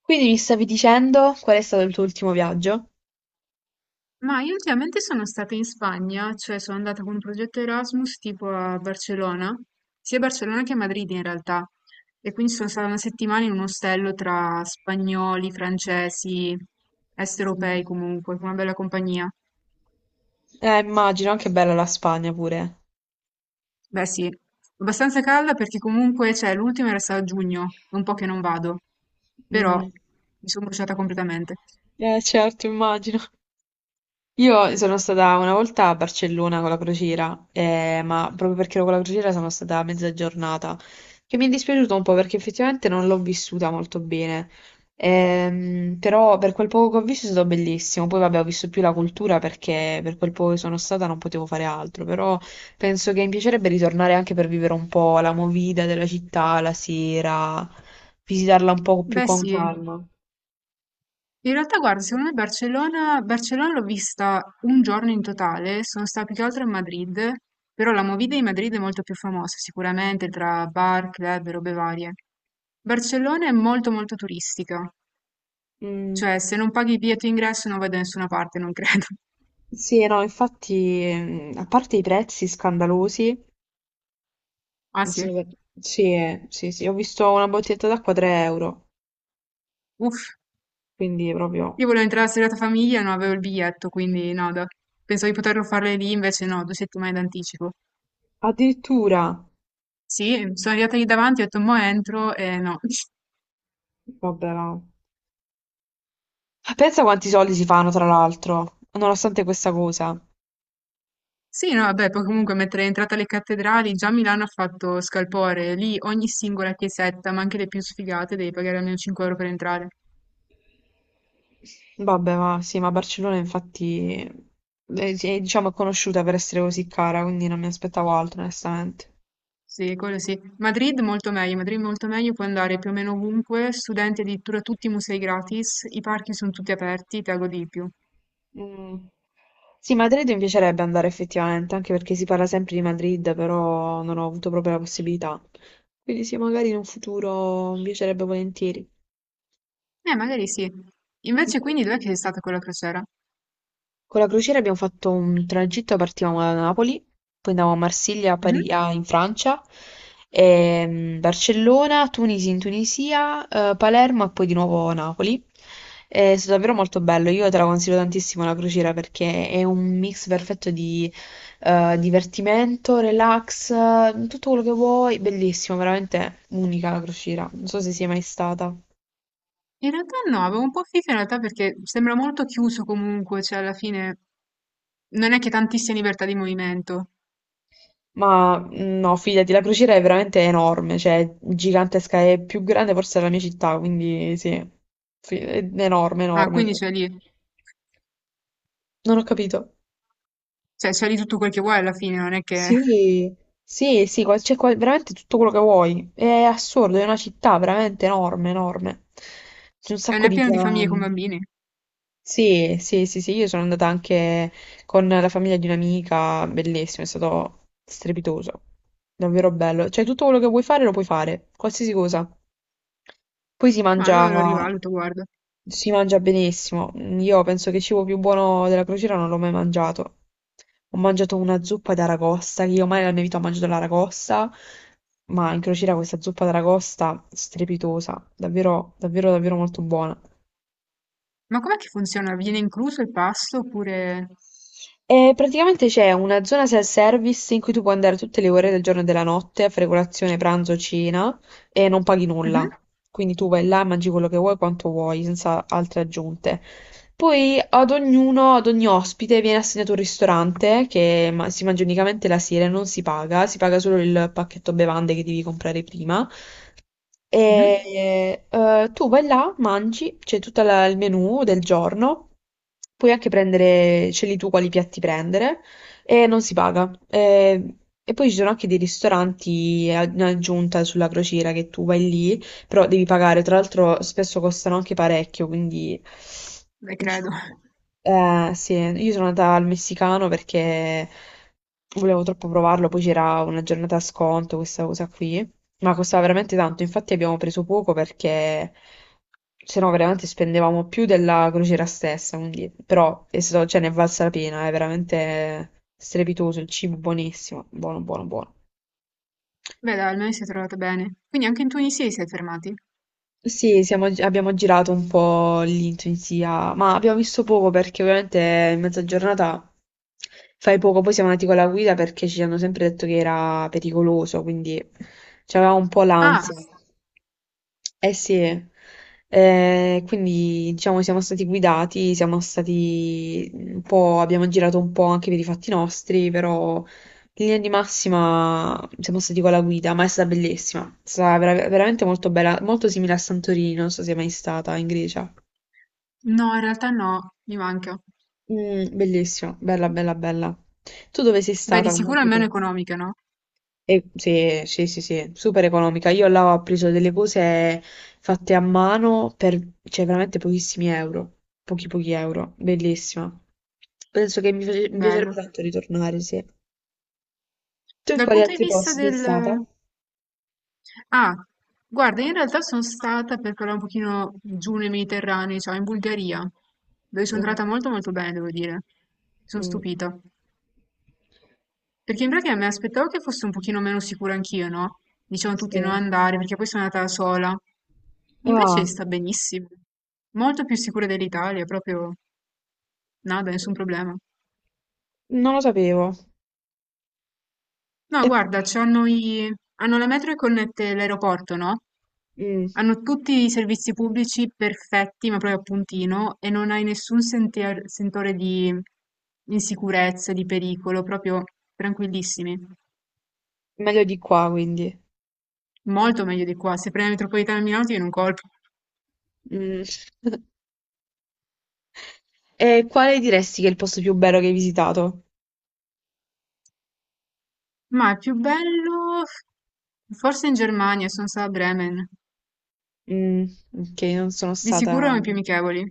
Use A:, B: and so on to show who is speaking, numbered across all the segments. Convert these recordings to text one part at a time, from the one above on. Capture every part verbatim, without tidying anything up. A: Quindi mi stavi dicendo qual è stato il tuo ultimo viaggio?
B: Ma io ultimamente sono stata in Spagna, cioè sono andata con un progetto Erasmus tipo a Barcellona, sia a Barcellona che a Madrid in realtà. E quindi sono stata una settimana in un ostello tra spagnoli, francesi, est europei
A: Mm.
B: comunque, con una bella compagnia.
A: Eh, immagino, anche bella la Spagna pure.
B: Beh sì, abbastanza calda perché comunque, cioè, l'ultimo era stato a giugno, è un po' che non vado, però
A: Mm.
B: mi sono bruciata completamente.
A: Eh, certo, immagino. Io sono stata una volta a Barcellona con la crociera, eh, ma proprio perché ero con la crociera sono stata mezza giornata, che mi è dispiaciuto un po' perché effettivamente non l'ho vissuta molto bene. Ehm, però per quel poco che ho visto è stato bellissimo. Poi vabbè, ho visto più la cultura perché per quel poco che sono stata non potevo fare altro, però penso che mi piacerebbe ritornare anche per vivere un po' la movida della città la sera, visitarla un po' più
B: Beh
A: con
B: sì,
A: calma.
B: in realtà, guarda, secondo me Barcellona, Barcellona l'ho vista un giorno in totale, sono stata più che altro a Madrid, però la movida di Madrid è molto più famosa sicuramente tra bar, club e robe varie. Barcellona è molto molto turistica,
A: Mm.
B: cioè se non paghi il biglietto d'ingresso non vai da nessuna parte, non credo.
A: Sì, no, infatti, mm, a parte i prezzi scandalosi,
B: Ah sì?
A: sono- sì, sì, sì, ho visto una bottiglietta d'acqua tre euro,
B: Uff,
A: quindi proprio,
B: io volevo entrare la serata famiglia e non avevo il biglietto, quindi no, da- pensavo di poterlo fare lì, invece no, due settimane d'anticipo.
A: addirittura,
B: Sì, sono arrivata lì davanti, ho detto mo entro e no.
A: vabbè, no. Pensa quanti soldi si fanno, tra l'altro, nonostante questa cosa.
B: Sì, no, vabbè, poi comunque mentre è entrata alle cattedrali, già Milano ha fatto scalpore, lì ogni singola chiesetta, ma anche le più sfigate, devi pagare almeno cinque euro per entrare.
A: Vabbè, ma sì, ma Barcellona infatti è, è, diciamo, conosciuta per essere così cara, quindi non mi aspettavo altro, onestamente.
B: Sì, quello sì. Madrid molto meglio, Madrid molto meglio, puoi andare più o meno ovunque, studenti addirittura tutti i musei gratis, i parchi sono tutti aperti, te la godi di più.
A: Mm. Sì, Madrid mi piacerebbe andare effettivamente, anche perché si parla sempre di Madrid, però non ho avuto proprio la possibilità. Quindi sì, magari in un futuro mi piacerebbe volentieri.
B: Eh, magari sì. Invece quindi dov'è che sei stata quella crociera?
A: Con la crociera abbiamo fatto un tragitto, partivamo da Napoli, poi andavamo a Marsiglia, a Pari-
B: Mhm.
A: ah, in Francia, ehm, Barcellona, Tunisi in Tunisia, eh, Palermo e poi di nuovo Napoli. È stato davvero molto bello, io te la consiglio tantissimo la crociera perché è un mix perfetto di eh, divertimento, relax, eh, tutto quello che vuoi, bellissimo, veramente unica la crociera, non so se sei mai stata.
B: In realtà no, avevo un po' figa in realtà perché sembra molto chiuso comunque, cioè alla fine non è che tantissima libertà di movimento.
A: Ma mh, no, fidati, la crociera è veramente enorme, cioè gigantesca, è più grande forse della mia città, quindi sì, Fi- è enorme,
B: Ah,
A: enorme.
B: quindi c'è lì.
A: Non ho capito.
B: Cioè, c'è di tutto quel che vuoi alla fine, non è che...
A: Sì, sì, sì, qua- c'è qua- veramente tutto quello che vuoi. È assurdo, è una città veramente enorme, enorme. C'è un
B: E non
A: sacco
B: è un
A: di
B: pieno di famiglie con
A: piani.
B: bambini.
A: Sì, sì, sì, sì, io sono andata anche con la famiglia di un'amica, bellissimo, è stato strepitoso, davvero bello. Cioè, tutto quello che vuoi fare lo puoi fare, qualsiasi cosa. Poi si
B: Ma allora lo
A: mangia,
B: rivaluto, guarda.
A: si mangia benissimo. Io penso che il cibo più buono della crociera non l'ho mai mangiato. Ho mangiato una zuppa d'aragosta, che io mai nella mia vita ho mangiato l'aragosta, ma in crociera questa zuppa d'aragosta strepitosa, davvero, davvero, davvero molto buona.
B: Ma com'è che funziona? Viene incluso il pasto oppure...
A: E praticamente c'è una zona self-service in cui tu puoi andare tutte le ore del giorno e della notte a fare colazione, pranzo, cena e non paghi nulla.
B: Mhm,
A: Quindi tu vai là e mangi quello che vuoi, quanto vuoi, senza altre aggiunte. Poi ad ognuno, ad ogni ospite viene assegnato un ristorante che ma- si mangia unicamente la sera e non si paga, si paga solo il pacchetto bevande che devi comprare prima.
B: mhm.
A: E eh, tu vai là, mangi, c'è tutto la- il menù del giorno, puoi anche prendere, scegli tu quali piatti prendere e non si paga. E, e poi ci sono anche dei ristoranti a- in aggiunta sulla crociera che tu vai lì, però devi pagare, tra l'altro spesso costano anche parecchio, quindi
B: Beh, credo.
A: diciamo, eh, sì, io sono andata al messicano perché volevo troppo provarlo, poi c'era una giornata a sconto, questa cosa qui. Ma costava veramente tanto, infatti abbiamo preso poco perché se no veramente spendevamo più della crociera stessa, quindi, però è stato- cioè, ne è valsa la pena, è veramente strepitoso, il cibo buonissimo, buono, buono, buono.
B: Beh, dai, almeno si è trovata bene. Quindi anche in Tunisia vi siete fermati?
A: Sì, siamo- abbiamo girato un po' lì in Tunisia, ma abbiamo visto poco perché ovviamente in mezza giornata fai poco, poi siamo andati con la guida perché ci hanno sempre detto che era pericoloso, quindi c'aveva un po'
B: Ah,
A: l'ansia. Eh sì, eh, quindi diciamo siamo stati guidati, siamo stati un po', abbiamo girato un po' anche per i fatti nostri, però in linea di massima siamo stati con la guida, ma è stata bellissima. È stata vera- veramente molto bella, molto simile a Santorini, non so se è mai stata in Grecia.
B: no, in realtà no, mi manca.
A: Mm, bellissima, bella, bella, bella. Tu dove sei
B: Beh, di
A: stata con
B: sicuro è
A: altri
B: meno
A: posti?
B: economica, no?
A: Eh, sì, sì, sì, sì, super economica. Io là ho preso delle cose fatte a mano per, cioè, veramente pochissimi euro. Pochi, pochi euro. Bellissima. Penso che mi, face- mi piacerebbe
B: Bello.
A: tanto ritornare, sì. Tu in
B: Dal
A: quali
B: punto di
A: altri
B: vista
A: posti sei stata?
B: del... Ah, guarda, in realtà sono stata per parlare un pochino giù nei Mediterranei, cioè in Bulgaria, dove sono
A: Mh.
B: entrata molto molto bene, devo dire. Sono
A: Mh.
B: stupita. Perché in pratica mi aspettavo che fosse un pochino meno sicura anch'io, no? Dicevano tutti
A: Sì.
B: non andare, perché poi sono andata da sola. Invece
A: Ah,
B: sta benissimo. Molto più sicura dell'Italia, proprio nada, nessun problema.
A: non lo sapevo.
B: No,
A: E
B: guarda, c'hanno i... hanno la metro che connette l'aeroporto, no?
A: mh,
B: Hanno tutti i servizi pubblici perfetti, ma proprio a puntino, e non hai nessun sente- sentore di insicurezza, di pericolo, proprio tranquillissimi.
A: meglio di qua quindi.
B: Molto meglio di qua. Se prendi la metropolitana a Milano ti viene un colpo.
A: Mh. E quale diresti che è il posto più bello che hai visitato?
B: Ma è più bello, forse in Germania, sono stata a Bremen.
A: Mm, ok, non sono
B: Di sicuro
A: stata.
B: erano i più amichevoli.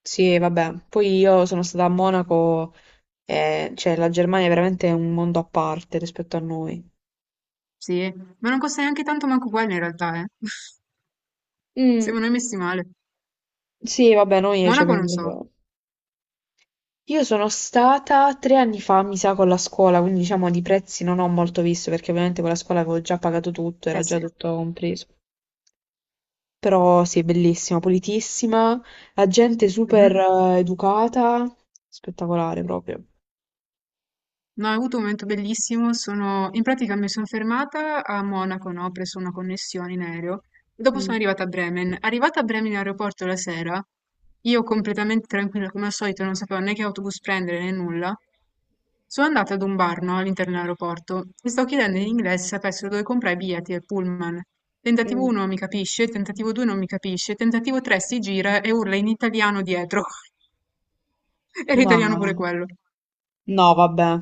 A: Sì, vabbè. Poi io sono stata a Monaco e cioè, la Germania è veramente un mondo a parte rispetto a noi.
B: Sì, ma non costa neanche tanto manco quello in realtà, eh.
A: Mm,
B: Siamo noi messi male.
A: sì, vabbè, noi ci
B: Monaco
A: abbiamo.
B: non so.
A: le- Io sono stata tre anni fa, mi sa, con la scuola, quindi diciamo di prezzi non ho molto visto, perché ovviamente con la scuola avevo già pagato tutto,
B: Eh
A: era già
B: sì.
A: tutto compreso. Però sì, bellissima, pulitissima, la gente super
B: Mhm.
A: eh, educata, spettacolare proprio.
B: No, ho avuto un momento bellissimo, sono... in pratica mi sono fermata a Monaco, no? Ho preso una connessione in aereo e dopo
A: Mm.
B: sono arrivata a Bremen. Arrivata a Bremen in aeroporto la sera, io completamente tranquilla come al solito, non sapevo né che autobus prendere né nulla, sono andata ad un bar, no? All'interno dell'aeroporto e sto chiedendo in
A: Mh.
B: inglese se sapessero dove comprare i biglietti del pullman. Tentativo
A: Mh.
B: uno mi capisce, tentativo due non mi capisce, tentativo tre si gira e urla in italiano dietro. Era italiano pure
A: No,
B: quello.
A: no vabbè.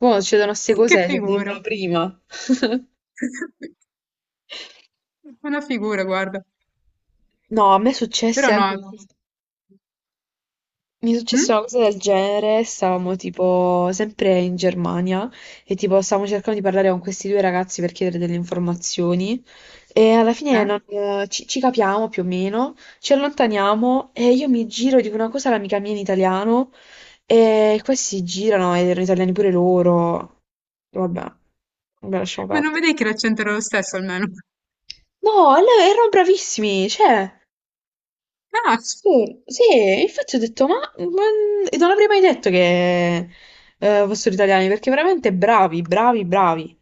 A: Mo' succedono 'ste
B: Che
A: cose, cioè,
B: figura.
A: dimmelo prima.
B: Buona figura, guarda.
A: No, a me è successe
B: Però no.
A: anche. Mi è
B: Mh?
A: successa una cosa del genere, stavamo tipo sempre in Germania e tipo stavamo cercando di parlare con questi due ragazzi per chiedere delle informazioni e alla fine
B: Eh?
A: non- eh, ci, ci capiamo più o meno, ci allontaniamo e io mi giro e dico una cosa all'amica mia in italiano e questi si girano ed erano italiani pure loro. Vabbè, vabbè, lasciamo
B: Ma non
A: perdere.
B: vedevi che l'accento era lo stesso almeno?
A: No, lei- erano bravissimi, cioè.
B: Ah!
A: Sì, sì, e infatti ho detto, ma, ma- e non avrei mai detto che eh, fossero italiani, perché veramente bravi, bravi, bravi.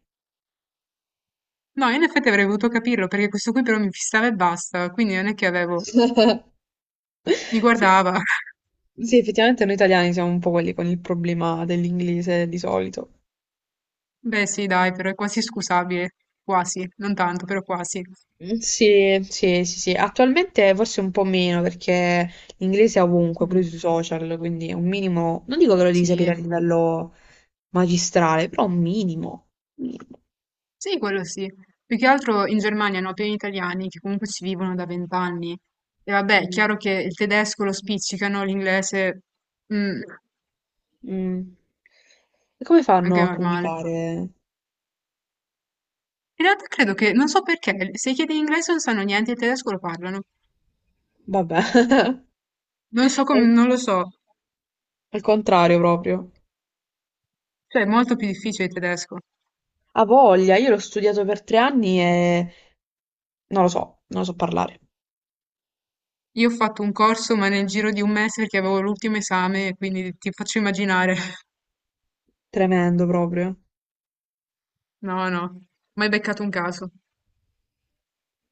B: No, in effetti avrei potuto capirlo perché questo qui però mi fissava e basta, quindi non è che avevo... Mi
A: Sì.
B: guardava.
A: Sì, effettivamente noi italiani siamo un po' quelli con il problema dell'inglese di solito.
B: Beh, sì, dai, però è quasi scusabile. Quasi, non tanto, però quasi.
A: Mm, sì, sì, sì, sì. Attualmente forse un po' meno perché l'inglese è ovunque, pure
B: Mm,
A: sui social, quindi è un minimo, non dico che lo devi sapere
B: sì,
A: a livello magistrale, però un minimo. Minimo.
B: sì, quello sì. Più che altro in Germania hanno pieni italiani che comunque ci vivono da vent'anni. E vabbè, è
A: Mm.
B: chiaro che il tedesco lo spiccicano, l'inglese... Mm,
A: Mm. E come
B: anche
A: fanno a
B: normale.
A: comunicare?
B: In realtà credo che, non so perché, se chiedi in inglese non sanno niente, il tedesco lo parlano.
A: Vabbè,
B: Non so
A: al,
B: come, non lo so.
A: al contrario proprio.
B: Cioè, è molto più difficile il tedesco.
A: Ha voglia, io l'ho studiato per tre anni e non lo so, non lo so parlare.
B: Io ho fatto un corso, ma nel giro di un mese perché avevo l'ultimo esame, quindi ti faccio immaginare.
A: Tremendo proprio.
B: No, no, mai beccato un caso.